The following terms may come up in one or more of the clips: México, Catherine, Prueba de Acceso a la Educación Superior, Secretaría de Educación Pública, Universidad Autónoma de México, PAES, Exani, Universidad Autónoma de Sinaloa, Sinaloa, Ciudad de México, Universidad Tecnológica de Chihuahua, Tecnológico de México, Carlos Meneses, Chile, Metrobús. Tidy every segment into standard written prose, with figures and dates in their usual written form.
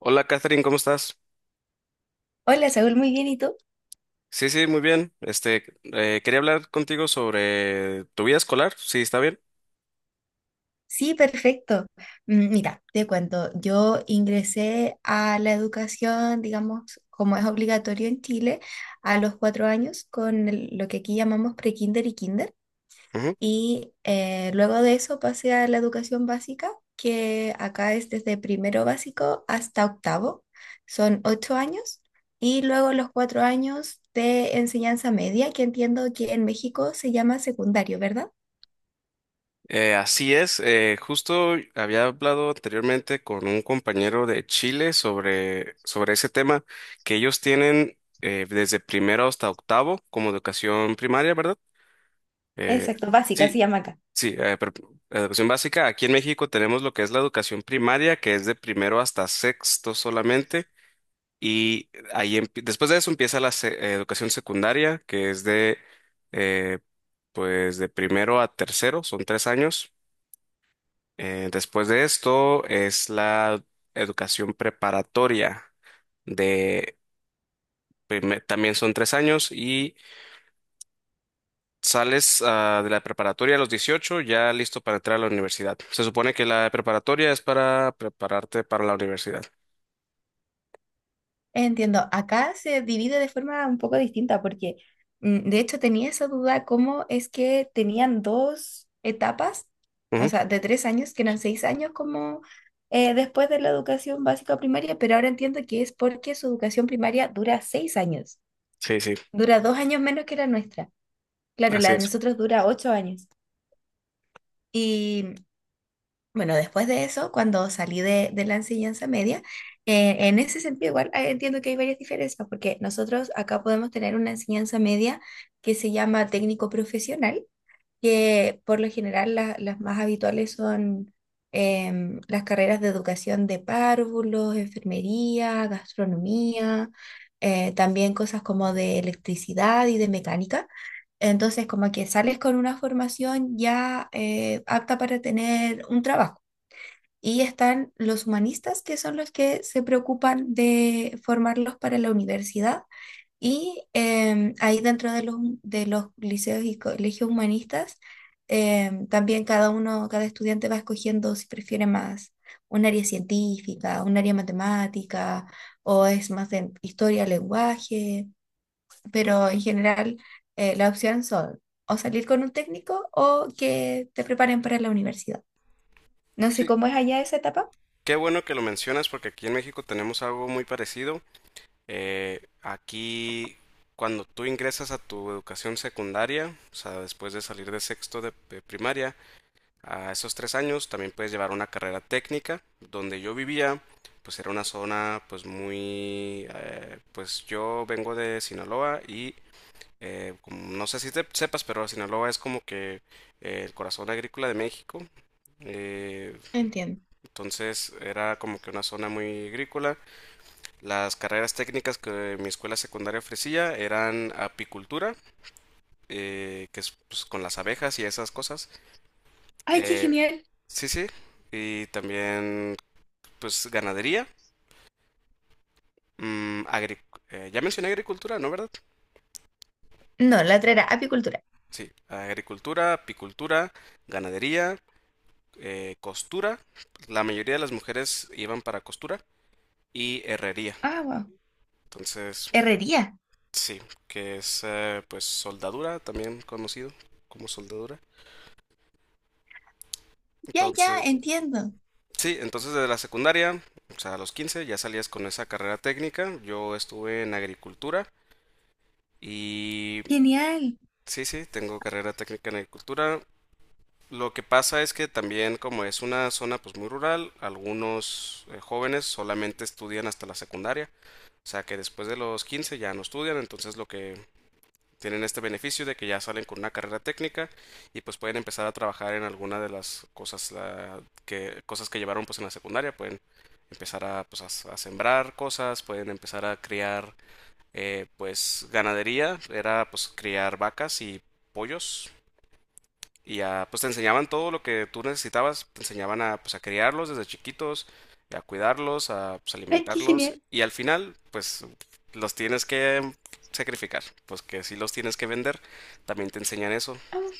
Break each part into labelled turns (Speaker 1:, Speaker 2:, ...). Speaker 1: Hola, Catherine, ¿cómo estás?
Speaker 2: Hola, Saúl, muy bien, ¿y tú?
Speaker 1: Sí, muy bien. Quería hablar contigo sobre tu vida escolar, sí, está bien.
Speaker 2: Sí, perfecto. Mira, te cuento, yo ingresé a la educación, digamos, como es obligatorio en Chile, a los cuatro años con lo que aquí llamamos pre-kinder y kinder.
Speaker 1: Ujú.
Speaker 2: Y luego de eso pasé a la educación básica, que acá es desde primero básico hasta octavo, son ocho años. Y luego los cuatro años de enseñanza media, que entiendo que en México se llama secundario, ¿verdad?
Speaker 1: Así es, justo había hablado anteriormente con un compañero de Chile sobre, sobre ese tema que ellos tienen desde primero hasta octavo como educación primaria, ¿verdad? Eh,
Speaker 2: Exacto, básica
Speaker 1: sí,
Speaker 2: se llama acá.
Speaker 1: sí, pero la educación básica. Aquí en México tenemos lo que es la educación primaria, que es de primero hasta sexto solamente, y después de eso empieza la educación secundaria, que es de eh, pues de primero a tercero, son tres años. Después de esto es la educación preparatoria de también son tres años y sales ah, de la preparatoria a los 18 ya listo para entrar a la universidad. Se supone que la preparatoria es para prepararte para la universidad.
Speaker 2: Entiendo, acá se divide de forma un poco distinta porque de hecho tenía esa duda cómo es que tenían dos etapas, o
Speaker 1: Ujú.
Speaker 2: sea, de tres años, que eran seis años como después de la educación básica primaria, pero ahora entiendo que es porque su educación primaria dura seis años,
Speaker 1: Sí, sí,
Speaker 2: dura dos años menos que la nuestra. Claro,
Speaker 1: así
Speaker 2: la de
Speaker 1: es.
Speaker 2: nosotros dura ocho años. Bueno, después de eso, cuando salí de la enseñanza media, en ese sentido igual entiendo que hay varias diferencias, porque nosotros acá podemos tener una enseñanza media que se llama técnico profesional, que por lo general las más habituales son las carreras de educación de párvulos, enfermería, gastronomía, también cosas como de electricidad y de mecánica. Entonces, como que sales con una formación ya apta para tener un trabajo. Y están los humanistas, que son los que se preocupan de formarlos para la universidad. Y ahí dentro de los liceos y colegios humanistas, también cada uno, cada estudiante va escogiendo si prefiere más un área científica, un área matemática, o es más de historia, lenguaje. Pero en general, la opción son o salir con un técnico o que te preparen para la universidad. No sé
Speaker 1: Sí.
Speaker 2: cómo es allá esa etapa.
Speaker 1: Qué bueno que lo mencionas porque aquí en México tenemos algo muy parecido. Aquí cuando tú ingresas a tu educación secundaria, o sea, después de salir de sexto de primaria, a esos tres años también puedes llevar una carrera técnica. Donde yo vivía, pues era una zona pues muy... pues yo vengo de Sinaloa y no sé si te sepas, pero Sinaloa es como que el corazón agrícola de México. Eh,
Speaker 2: Entiendo.
Speaker 1: entonces era como que una zona muy agrícola. Las carreras técnicas que mi escuela secundaria ofrecía eran apicultura, que es pues, con las abejas y esas cosas.
Speaker 2: Ay, qué
Speaker 1: Eh,
Speaker 2: genial.
Speaker 1: sí, sí. Y también pues ganadería, mm, agri- ya mencioné agricultura, ¿no, verdad?
Speaker 2: No, la otra era apicultura.
Speaker 1: Sí, agricultura, apicultura, ganadería, costura. La mayoría de las mujeres iban para costura y herrería.
Speaker 2: Ah, wow.
Speaker 1: Entonces,
Speaker 2: Herrería.
Speaker 1: sí, que es pues soldadura, también conocido como soldadura.
Speaker 2: Ya, ya,
Speaker 1: Entonces,
Speaker 2: entiendo.
Speaker 1: sí, entonces desde la secundaria, o sea, a los 15 ya salías con esa carrera técnica. Yo estuve en agricultura y
Speaker 2: Genial.
Speaker 1: sí, sí, tengo carrera técnica en agricultura. Lo que pasa es que también como es una zona pues muy rural, algunos jóvenes solamente estudian hasta la secundaria, o sea que después de los 15 ya no estudian, entonces lo que tienen este beneficio de que ya salen con una carrera técnica y pues pueden empezar a trabajar en alguna de las que cosas que llevaron pues en la secundaria, pueden empezar a sembrar cosas, pueden empezar a criar pues ganadería, era pues criar vacas y pollos y ya, pues te enseñaban todo lo que tú necesitabas, te enseñaban a, pues, a criarlos desde chiquitos, a cuidarlos, a, pues,
Speaker 2: Ay, qué
Speaker 1: alimentarlos,
Speaker 2: genial.
Speaker 1: y al final, pues, los tienes que sacrificar, pues que si los tienes que vender, también te enseñan eso,
Speaker 2: Ah,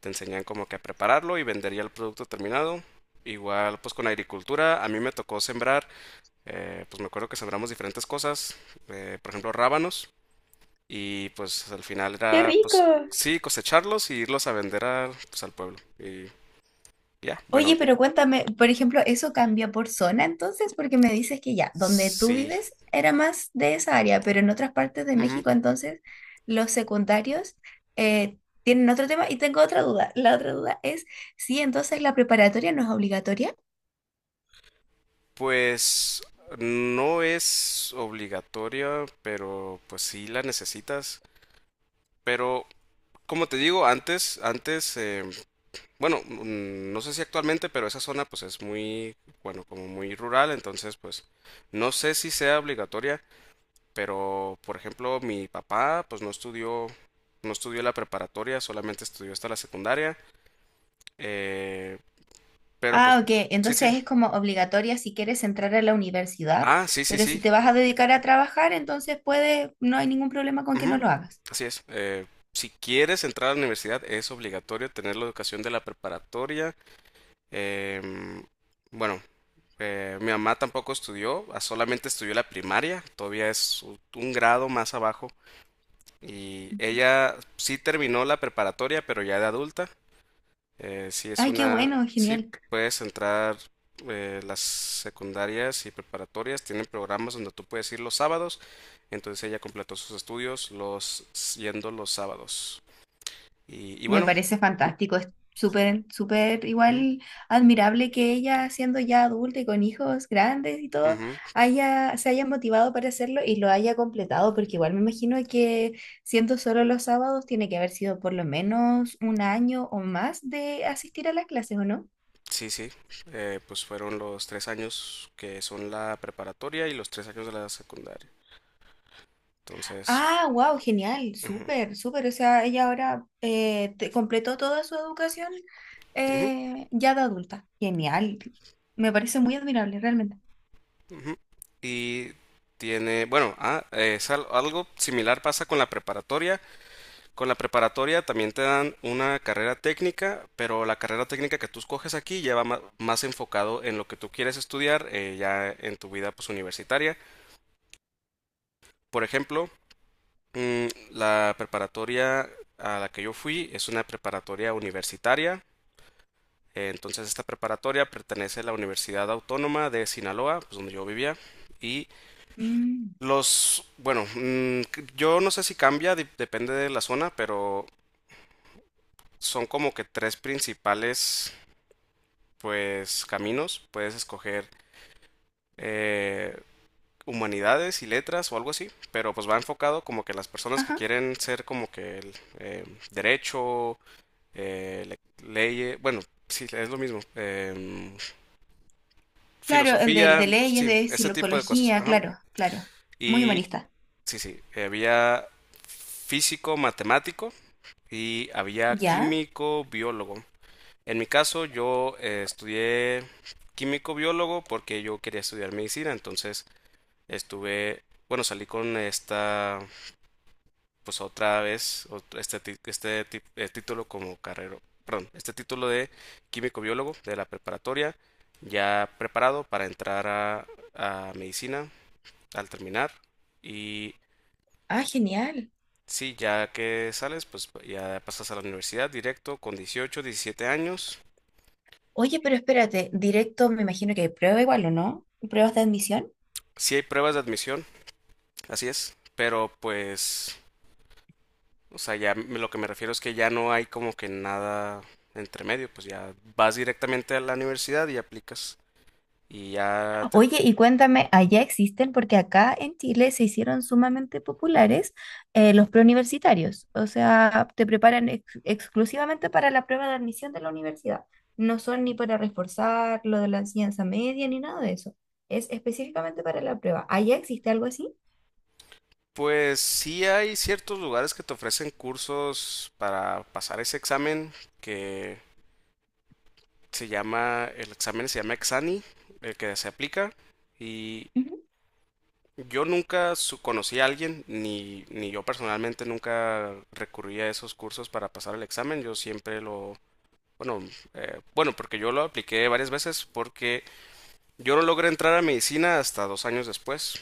Speaker 1: te enseñan como que a prepararlo y vender ya el producto terminado. Igual, pues con agricultura, a mí me tocó sembrar, pues me acuerdo que sembramos diferentes cosas, por ejemplo, rábanos, y pues al final
Speaker 2: qué
Speaker 1: era, pues
Speaker 2: rico.
Speaker 1: sí, cosecharlos y irlos a vender a, pues, al pueblo. Y ya, bueno,
Speaker 2: Oye, pero cuéntame, por ejemplo, ¿eso cambia por zona entonces? Porque me dices que ya, donde tú
Speaker 1: sí.
Speaker 2: vives era más de esa área, pero en otras partes de
Speaker 1: Ujú.
Speaker 2: México entonces los secundarios tienen otro tema. Y tengo otra duda. La otra duda es sí, entonces la preparatoria no es obligatoria.
Speaker 1: Pues no es obligatoria, pero pues sí la necesitas. Pero como te digo, antes, bueno, mm, no sé si actualmente, pero esa zona pues es muy, bueno, como muy rural, entonces pues no sé si sea obligatoria, pero por ejemplo mi papá pues no estudió, no estudió la preparatoria, solamente estudió hasta la secundaria. eh, pero pues
Speaker 2: Ah, ok.
Speaker 1: sí, sí.
Speaker 2: Entonces es como obligatoria si quieres entrar a la universidad,
Speaker 1: Ah, sí, sí,
Speaker 2: pero si
Speaker 1: sí.
Speaker 2: te vas a dedicar a trabajar, entonces puedes, no hay ningún problema con que no
Speaker 1: Ujú.
Speaker 2: lo hagas.
Speaker 1: Así es. Si quieres entrar a la universidad, es obligatorio tener la educación de la preparatoria. em, bueno, mi mamá tampoco estudió, ah, solamente estudió la primaria, todavía es un grado más abajo. Y ella sí terminó la preparatoria, pero ya de adulta. Sí, es
Speaker 2: Ay, qué
Speaker 1: una...
Speaker 2: bueno,
Speaker 1: Sí,
Speaker 2: genial.
Speaker 1: puedes entrar las secundarias y preparatorias. Tienen programas donde tú puedes ir los sábados. Entonces ella completó sus estudios los yendo los sábados. Y
Speaker 2: Me
Speaker 1: bueno,
Speaker 2: parece fantástico. Es súper, súper
Speaker 1: ujú,
Speaker 2: igual admirable que ella, siendo ya adulta y con hijos grandes y todo,
Speaker 1: ujú,
Speaker 2: se haya motivado para hacerlo y lo haya completado, porque igual me imagino que siendo solo los sábados, tiene que haber sido por lo menos un año o más de asistir a las clases, ¿o no?
Speaker 1: sí, sí. Pues fueron los tres años que son la preparatoria y los tres años de la secundaria. Entonces,
Speaker 2: Ah, wow, genial,
Speaker 1: ujú,
Speaker 2: súper, súper. O sea, ella ahora completó toda su educación
Speaker 1: ujú,
Speaker 2: ya de adulta. Genial. Me parece muy admirable, realmente.
Speaker 1: ujú. Y tiene, bueno, ah, es algo similar pasa con la preparatoria. Con la preparatoria también te dan una carrera técnica, pero la carrera técnica que tú escoges aquí ya va más enfocado en lo que tú quieres estudiar ya en tu vida pues universitaria. Por ejemplo, la preparatoria a la que yo fui es una preparatoria universitaria. Entonces esta preparatoria pertenece a la Universidad Autónoma de Sinaloa, pues donde yo vivía. Y
Speaker 2: Mm.
Speaker 1: los, bueno, yo no sé si cambia, depende de la zona, pero son como que tres principales pues caminos, puedes escoger eh, humanidades y letras o algo así, pero pues va enfocado como que las personas que
Speaker 2: Ajá.
Speaker 1: quieren ser como que el, derecho, eh, leyes, bueno, sí, es lo mismo,
Speaker 2: Claro, el
Speaker 1: filosofía,
Speaker 2: de leyes,
Speaker 1: sí,
Speaker 2: de
Speaker 1: ese tipo de cosas.
Speaker 2: psicología,
Speaker 1: Ajá.
Speaker 2: claro, claro. Muy
Speaker 1: Y
Speaker 2: humanista.
Speaker 1: sí, sí, había físico, matemático y había
Speaker 2: ¿Ya?
Speaker 1: químico, biólogo. En mi caso, yo estudié químico biólogo porque yo quería estudiar medicina, entonces estuve, bueno, salí con esta, pues otra vez, título como carrera, perdón, este título de químico biólogo de la preparatoria, ya preparado para entrar a medicina al terminar. Y
Speaker 2: Ah, genial.
Speaker 1: sí, ya que sales, pues ya pasas a la universidad directo con 18, 17 años.
Speaker 2: Oye, pero espérate, directo me imagino que hay prueba igual, ¿o no? ¿Pruebas de admisión?
Speaker 1: Si hay pruebas de admisión, así es, pero pues, o sea, lo que me refiero es que ya no hay como que nada entre medio, pues ya vas directamente a la universidad y aplicas y ya te...
Speaker 2: Oye, y cuéntame, ¿allá existen? Porque acá en Chile se hicieron sumamente populares los preuniversitarios. O sea, te preparan exclusivamente para la prueba de admisión de la universidad. No son ni para reforzar lo de la enseñanza media ni nada de eso. Es específicamente para la prueba. ¿Allá existe algo así?
Speaker 1: Pues sí hay ciertos lugares que te ofrecen cursos para pasar ese examen que se llama, el examen se llama Exani, el que se aplica y
Speaker 2: Ujú.
Speaker 1: yo nunca conocí a alguien, ni yo personalmente nunca recurrí a esos cursos para pasar el examen, yo siempre lo... Bueno, bueno, porque yo lo apliqué varias veces porque yo no logré entrar a medicina hasta dos años después,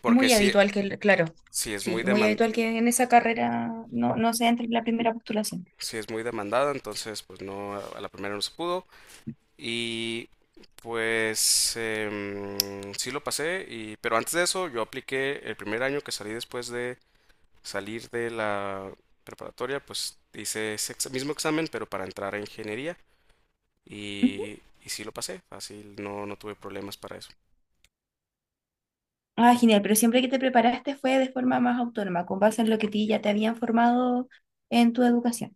Speaker 1: porque
Speaker 2: Muy
Speaker 1: sí,
Speaker 2: habitual que, claro,
Speaker 1: sí es muy
Speaker 2: sí, muy
Speaker 1: deman-
Speaker 2: habitual que en esa carrera no, no se entre en la primera postulación.
Speaker 1: sí es muy demandada, entonces pues no, a la primera no se pudo y pues sí lo pasé, y, pero antes de eso yo apliqué el primer año que salí después de salir de la preparatoria, pues hice ese mismo examen pero para entrar a ingeniería y, y sí lo pasé, así no, no tuve problemas para eso.
Speaker 2: Ah, genial, pero siempre que te preparaste fue de forma más autónoma, con base en lo que ti ya te habían formado en tu educación,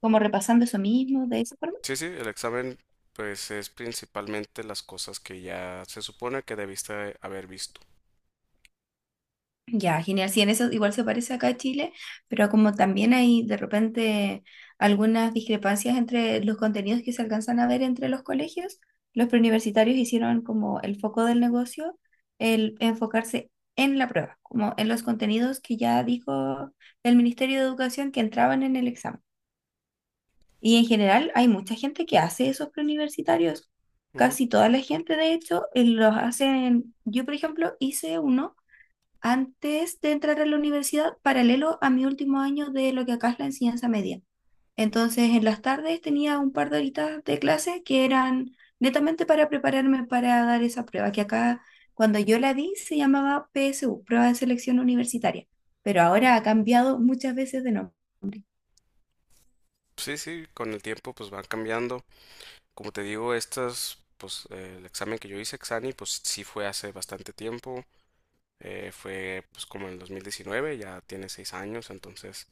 Speaker 2: como repasando eso mismo, de esa forma.
Speaker 1: Sí, sí, el examen pues es principalmente las cosas que ya se supone que debiste haber visto.
Speaker 2: Ya, genial, sí, en eso igual se parece acá a Chile, pero como también hay de repente algunas discrepancias entre los contenidos que se alcanzan a ver entre los colegios, los preuniversitarios hicieron como el foco del negocio, el enfocarse en la prueba, como en los contenidos que ya dijo el Ministerio de Educación que entraban en el examen. Y en general hay mucha gente que hace esos preuniversitarios.
Speaker 1: Ujú.
Speaker 2: Casi toda la gente, de hecho, los hacen. Yo, por ejemplo, hice uno antes de entrar a la universidad, paralelo a mi último año de lo que acá es la enseñanza media. Entonces, en las tardes tenía un par de horitas de clase que eran netamente para prepararme para dar esa prueba, que acá, cuando yo la di, se llamaba PSU, Prueba de Selección Universitaria. Pero ahora ha cambiado muchas veces de nombre.
Speaker 1: Sí, sí, con el tiempo pues van cambiando. Como te digo, estas, pues el examen que yo hice, Exani, pues sí fue hace bastante tiempo. Fue pues como en el 2019, ya tiene seis años, entonces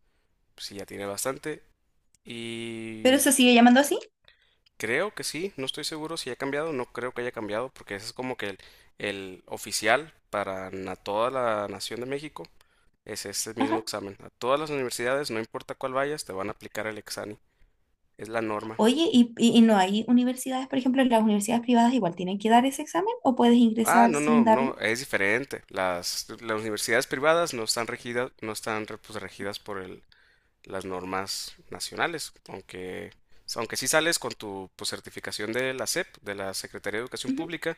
Speaker 1: pues, sí, ya tiene bastante.
Speaker 2: Pero
Speaker 1: Y
Speaker 2: se sigue llamando así.
Speaker 1: creo que sí, no estoy seguro si ha cambiado, no creo que haya cambiado, porque ese es como que el oficial para toda la nación de México. Es este mismo
Speaker 2: Ajá.
Speaker 1: examen. A todas las universidades, no importa cuál vayas, te van a aplicar el examen. Es la norma.
Speaker 2: Oye, y no hay universidades, por ejemplo, las universidades privadas igual tienen que dar ese examen o puedes
Speaker 1: Ah,
Speaker 2: ingresar
Speaker 1: no,
Speaker 2: sin
Speaker 1: no,
Speaker 2: darlo.
Speaker 1: no, es diferente. Las universidades privadas no están regidas, no están re- pues, regidas por el, las normas nacionales, aunque, aunque sí sales con tu pues, certificación de la SEP, de la Secretaría de Educación
Speaker 2: Ujú.
Speaker 1: Pública,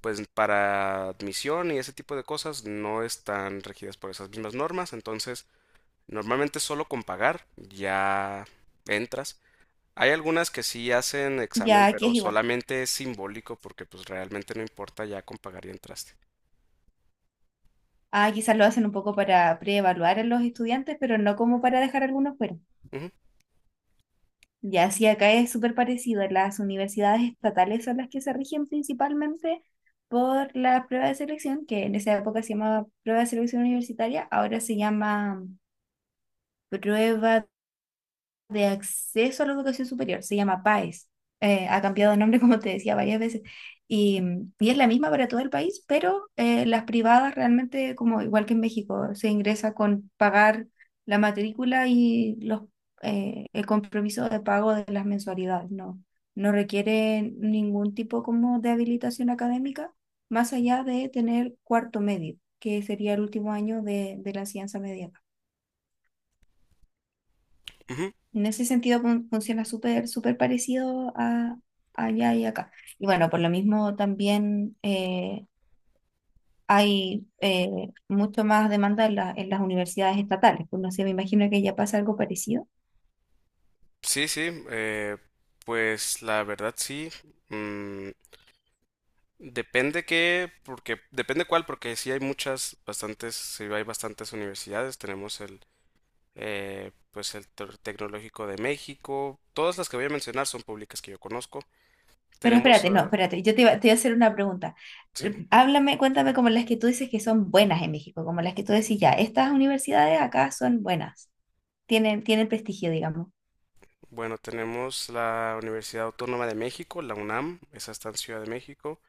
Speaker 1: pues para admisión y ese tipo de cosas no están regidas por esas mismas normas, entonces normalmente solo con pagar ya entras. Hay algunas que sí hacen examen,
Speaker 2: Ya, aquí es
Speaker 1: pero
Speaker 2: igual.
Speaker 1: solamente es simbólico porque pues realmente no importa, ya con pagar y entraste.
Speaker 2: Ah, quizás lo hacen un poco para preevaluar a los estudiantes, pero no como para dejar algunos fuera.
Speaker 1: Ujú,
Speaker 2: Ya, sí, acá es súper parecido. Las universidades estatales son las que se rigen principalmente por la prueba de selección, que en esa época se llamaba prueba de selección universitaria, ahora se llama prueba de Acceso a la Educación Superior, se llama PAES. Ha cambiado de nombre, como te decía, varias veces. Y, y es la misma para todo el país, pero las privadas realmente, como igual que en México, se ingresa con pagar la matrícula y el compromiso de pago de las mensualidades. No, no requiere ningún tipo como de habilitación académica, más allá de tener cuarto medio, que sería el último año de la enseñanza media.
Speaker 1: ujú.
Speaker 2: En ese sentido funciona súper, súper parecido a allá y acá. Y bueno, por lo mismo también hay mucho más demanda en, en las universidades estatales. Pues no sé, me imagino que ya pasa algo parecido.
Speaker 1: Sí, sí, pues la verdad sí. mm, depende qué, porque depende cuál, porque sí hay muchas, bastantes, sí hay bastantes universidades. Tenemos el, pues el Tecnológico de México. Todas las que voy a mencionar son públicas que yo conozco.
Speaker 2: Pero
Speaker 1: Tenemos,
Speaker 2: espérate, no,
Speaker 1: ah,
Speaker 2: espérate, yo te iba a hacer una pregunta.
Speaker 1: sí.
Speaker 2: Háblame, cuéntame como las que tú dices que son buenas en México, como las que tú decís ya, estas universidades acá son buenas, tienen, tienen prestigio, digamos.
Speaker 1: Bueno, tenemos la Universidad Autónoma de México, la UNAM, esa está en Ciudad de México.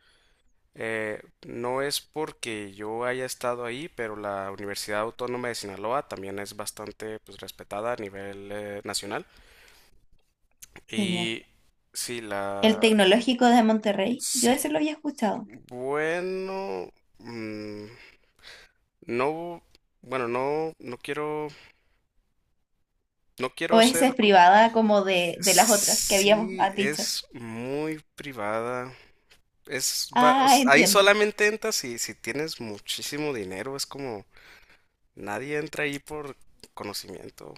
Speaker 1: No es porque yo haya estado ahí, pero la Universidad Autónoma de Sinaloa también es bastante pues, respetada a nivel nacional.
Speaker 2: Genial.
Speaker 1: Y sí,
Speaker 2: El
Speaker 1: la...
Speaker 2: tecnológico de Monterrey, yo
Speaker 1: Sí,
Speaker 2: ese lo había escuchado.
Speaker 1: bueno... mm, no... Bueno, no, no quiero, no quiero
Speaker 2: O
Speaker 1: ser...
Speaker 2: esa es
Speaker 1: co-
Speaker 2: privada como de las otras que habíamos
Speaker 1: Sí,
Speaker 2: has dicho.
Speaker 1: es muy privada. Es, va-
Speaker 2: Ah,
Speaker 1: ahí
Speaker 2: entiendo.
Speaker 1: solamente entras si, si tienes muchísimo dinero, es como nadie entra ahí por conocimiento.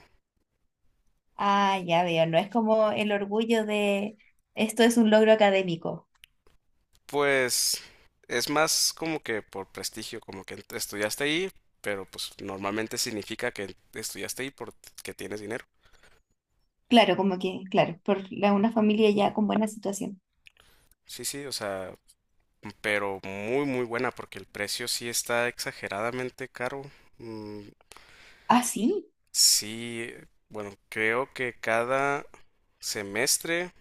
Speaker 2: Ah, ya veo. No es como el orgullo de esto es un logro académico.
Speaker 1: Pues es más como que por prestigio, como que estudiaste ahí, pero pues normalmente significa que estudiaste ahí porque tienes dinero.
Speaker 2: Claro, como que, claro, por una familia ya con buena situación.
Speaker 1: Sí, sí, o sea, pero muy muy buena porque el precio sí está exageradamente caro. Mm,
Speaker 2: Ah, sí.
Speaker 1: sí, bueno, creo que cada semestre,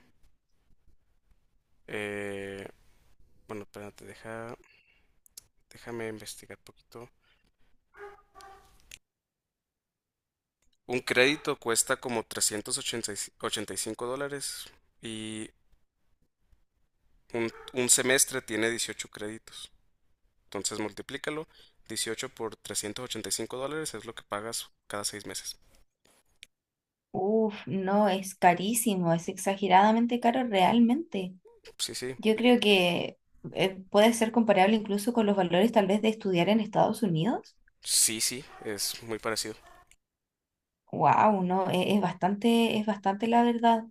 Speaker 1: eh, bueno, espérate, deja... Déjame investigar poquito. Un crédito cuesta como $385 y un semestre tiene 18 créditos. Entonces multiplícalo. 18 por $385 es lo que pagas cada seis meses.
Speaker 2: Uf, no, es carísimo, es exageradamente caro realmente.
Speaker 1: Sí, sí.
Speaker 2: Yo creo que puede ser comparable incluso con los valores tal vez de estudiar en Estados Unidos.
Speaker 1: Sí, sí. Es muy parecido.
Speaker 2: Wow, no, es bastante la verdad.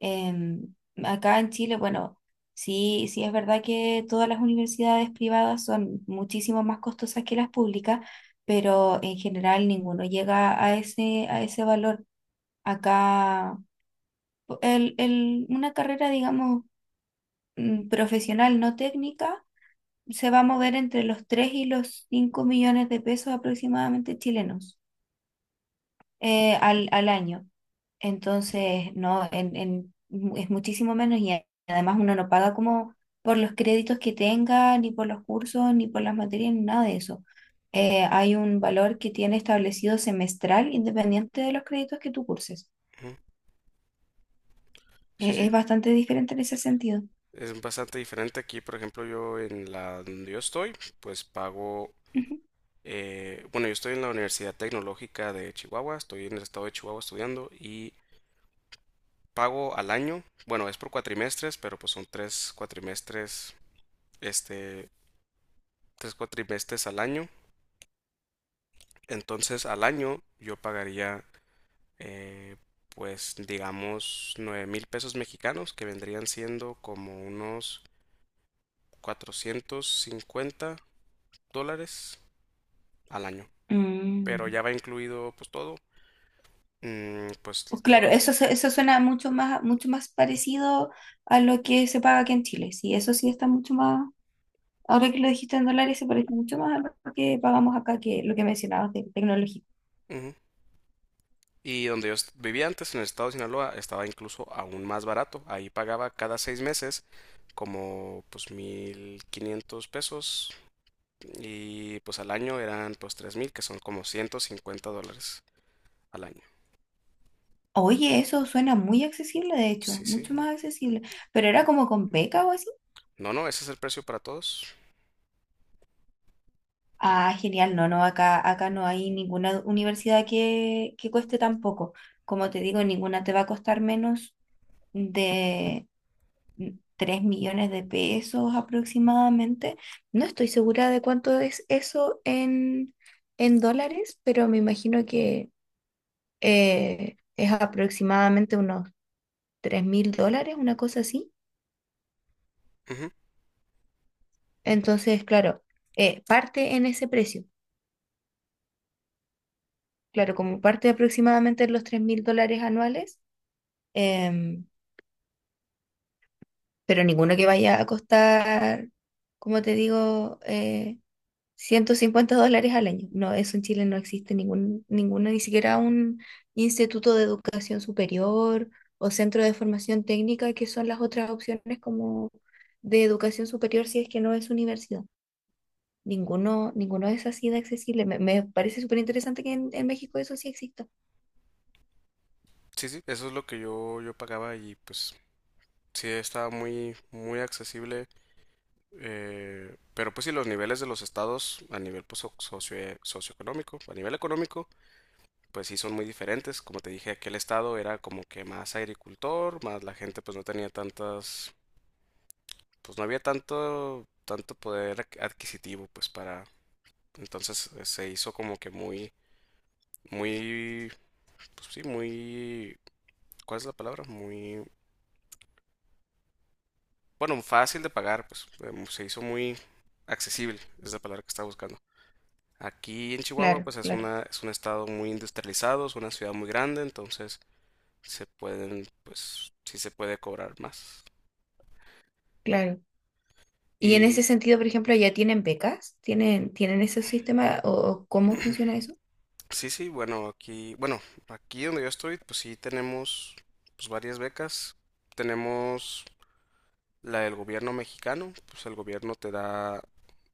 Speaker 2: Em, Acá en Chile, bueno, sí, sí es verdad que todas las universidades privadas son muchísimo más costosas que las públicas, pero en general ninguno llega a ese valor. Acá una carrera, digamos, profesional, no técnica, se va a mover entre los 3 y los 5 millones de pesos aproximadamente chilenos. Al al año. Entonces, no, es muchísimo menos y además uno no paga como por los créditos que tenga, ni por los cursos, ni por las materias, ni nada de eso. Hay un valor que tiene establecido semestral independiente de los créditos que tú curses.
Speaker 1: Ujú. Sí, sí.
Speaker 2: Es bastante diferente en ese sentido.
Speaker 1: Es bastante diferente aquí. Por ejemplo, yo en la donde yo estoy, pues pago...
Speaker 2: Ujú.
Speaker 1: bueno, yo estoy en la Universidad Tecnológica de Chihuahua. Estoy en el estado de Chihuahua estudiando y... Pago al año. Bueno, es por cuatrimestres, pero pues son tres cuatrimestres, este, tres cuatrimestres al año. Entonces al año yo pagaría, eh, pues digamos, 9.000 pesos mexicanos, que vendrían siendo como unos 450 dólares al año. Pero
Speaker 2: Mm,
Speaker 1: ya va incluido pues todo. Mm, pues
Speaker 2: pues claro,
Speaker 1: todo.
Speaker 2: eso suena mucho más parecido a lo que se paga aquí en Chile. Sí, eso sí está mucho más. Ahora que lo dijiste en dólares, se parece mucho más a lo que pagamos acá que lo que mencionabas de tecnología.
Speaker 1: Ujú. Y vivía antes, en el estado de Sinaloa, estaba incluso aún más barato. Ahí pagaba cada seis meses como pues 1.500 pesos y pues al año eran pues 3.000, que son como 150 dólares al año.
Speaker 2: Oye, eso suena muy accesible, de hecho,
Speaker 1: Sí, sí.
Speaker 2: mucho más accesible. Pero era como con beca o así.
Speaker 1: No, no, ese es el precio para todos.
Speaker 2: Ah, genial, no, no, acá no hay ninguna universidad que cueste tan poco. Como te digo, ninguna te va a costar menos de 3 millones de pesos aproximadamente. No estoy segura de cuánto es eso en dólares, pero me imagino que es aproximadamente unos 3 mil dólares, una cosa así.
Speaker 1: Ujú.
Speaker 2: Entonces, claro, parte en ese precio. Claro, como parte aproximadamente en los 3 mil dólares anuales, em, pero ninguno que vaya a costar, como te digo, $150 al año. No, eso en Chile no existe ningún, ninguno, ni siquiera un instituto de educación superior o centro de formación técnica, que son las otras opciones como de educación superior si es que no es universidad. Ninguno, ninguno es así de accesible. Me parece súper interesante que en México eso sí exista.
Speaker 1: Sí, sí, eso es lo que yo pagaba y pues sí, estaba muy, muy accesible. Pero pues sí, los niveles de los estados a nivel pues, socioeconómico, a nivel económico, pues sí son muy diferentes. Como te dije, aquel estado era como que más agricultor, más la gente pues no tenía tantas, pues no había tanto poder adquisitivo pues para... Entonces se hizo como que muy, muy, pues sí, muy, ¿cuál es la palabra? Muy, bueno, fácil de pagar, pues se hizo muy accesible, es la palabra que estaba buscando. Aquí en Chihuahua
Speaker 2: Claro,
Speaker 1: pues
Speaker 2: claro,
Speaker 1: es un estado muy industrializado, es una ciudad muy grande, entonces se pueden, pues sí se puede cobrar más.
Speaker 2: claro. Y en
Speaker 1: Y
Speaker 2: ese sentido, por ejemplo, ¿ya tienen becas? ¿Tienen ese sistema o cómo funciona eso?
Speaker 1: sí, sí, bueno, aquí donde yo estoy, pues sí tenemos pues varias becas. Tenemos la del gobierno mexicano, pues el gobierno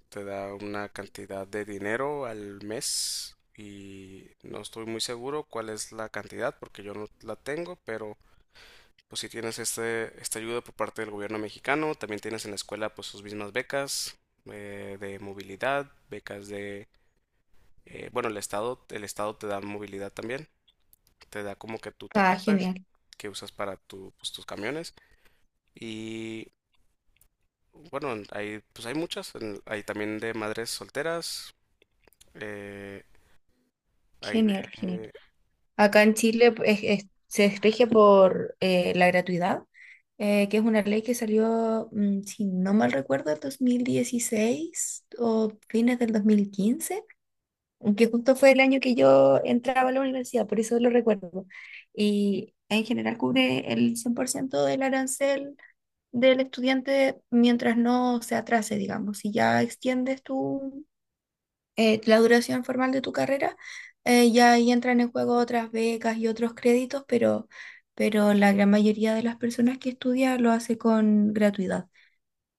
Speaker 1: te da una cantidad de dinero al mes y no estoy muy seguro cuál es la cantidad porque yo no la tengo, pero pues si tienes esta ayuda por parte del gobierno mexicano, también tienes en la escuela pues sus mismas becas, de movilidad, becas de bueno, el estado te da movilidad también, te da como que tu
Speaker 2: Ah,
Speaker 1: tarjeta
Speaker 2: genial,
Speaker 1: que usas para tu, pues, tus camiones. Y bueno, hay, pues hay muchas. Hay también de madres solteras. eh, hay de...
Speaker 2: genial, genial. Acá en Chile pues, se rige por la gratuidad, que es una ley que salió, si no mal recuerdo, el 2016 o fines del 2015 que justo fue el año que yo entraba a la universidad, por eso lo recuerdo. Y en general cubre el 100% del arancel del estudiante mientras no se atrase, digamos. Si ya extiendes tu la duración formal de tu carrera, ya ahí entran en juego otras becas y otros créditos, pero la gran mayoría de las personas que estudia lo hace con gratuidad.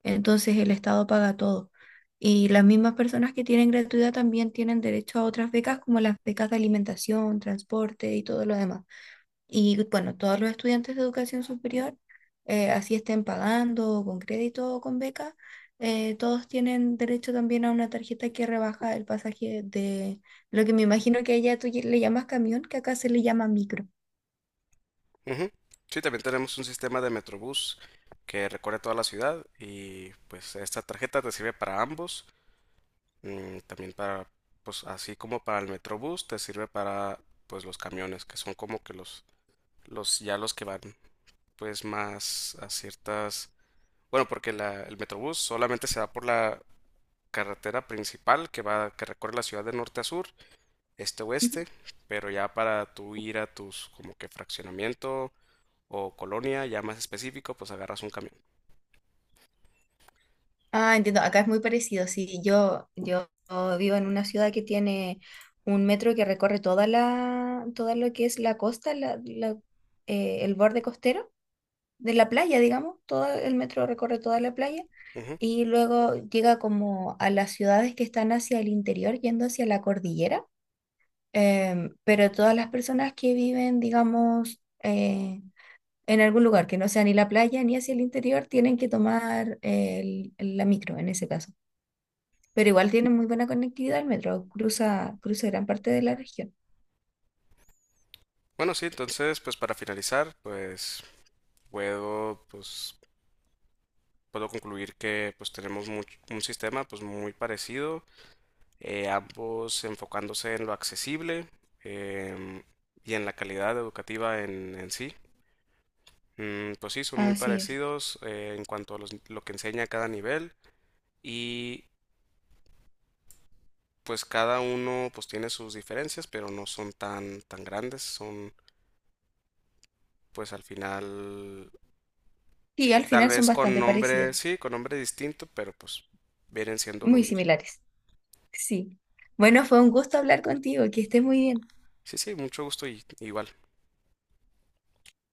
Speaker 2: Entonces el Estado paga todo. Y las mismas personas que tienen gratuidad también tienen derecho a otras becas como las becas de alimentación, transporte y todo lo demás. Y bueno, todos los estudiantes de educación superior, así estén pagando o con crédito o con beca, todos tienen derecho también a una tarjeta que rebaja el pasaje de lo que me imagino que allá tú le llamas camión, que acá se le llama micro.
Speaker 1: Ujú. Sí, también tenemos un sistema de Metrobús que recorre toda la ciudad y pues esta tarjeta te sirve para ambos. Mm, también para, pues así como para el Metrobús, te sirve para pues los camiones, que son como que los ya los que van pues más a ciertas... Bueno, porque el Metrobús solamente se va por la carretera principal que va, que recorre la ciudad de norte a sur, este a
Speaker 2: Ujú.
Speaker 1: oeste, pero ya para tú ir a tus como que fraccionamiento o colonia ya más específico, pues agarras un camión.
Speaker 2: Ah, entiendo, acá es muy parecido. Sí, yo vivo en una ciudad que tiene un metro que recorre toda la, todo lo que es la costa, el borde costero de la playa, digamos. Todo el metro recorre toda la playa
Speaker 1: Ujú.
Speaker 2: y luego llega como a las ciudades que están hacia el interior, yendo hacia la cordillera. Pero todas las personas que viven, digamos, en algún lugar que no sea ni la playa ni hacia el interior, tienen que tomar la micro en ese caso. Pero igual tienen muy buena conectividad, el metro cruza, cruza gran parte de la región.
Speaker 1: Bueno, sí, entonces pues para finalizar, pues puedo pues puedo concluir que pues tenemos un sistema pues muy parecido, ambos enfocándose en lo accesible, em, y en la calidad educativa en sí. Mm, pues sí, son muy
Speaker 2: Así es.
Speaker 1: parecidos, en cuanto a lo que enseña cada nivel y pues cada uno pues tiene sus diferencias, pero no son tan grandes, son pues al final
Speaker 2: Sí, al
Speaker 1: tal
Speaker 2: final son
Speaker 1: vez con
Speaker 2: bastante parecidas,
Speaker 1: nombre, sí, con nombre distinto, pero pues vienen siendo lo
Speaker 2: muy
Speaker 1: mismo.
Speaker 2: similares. Sí. Bueno, fue un gusto hablar contigo, que estés muy bien.
Speaker 1: Sí, sí, mucho gusto y igual.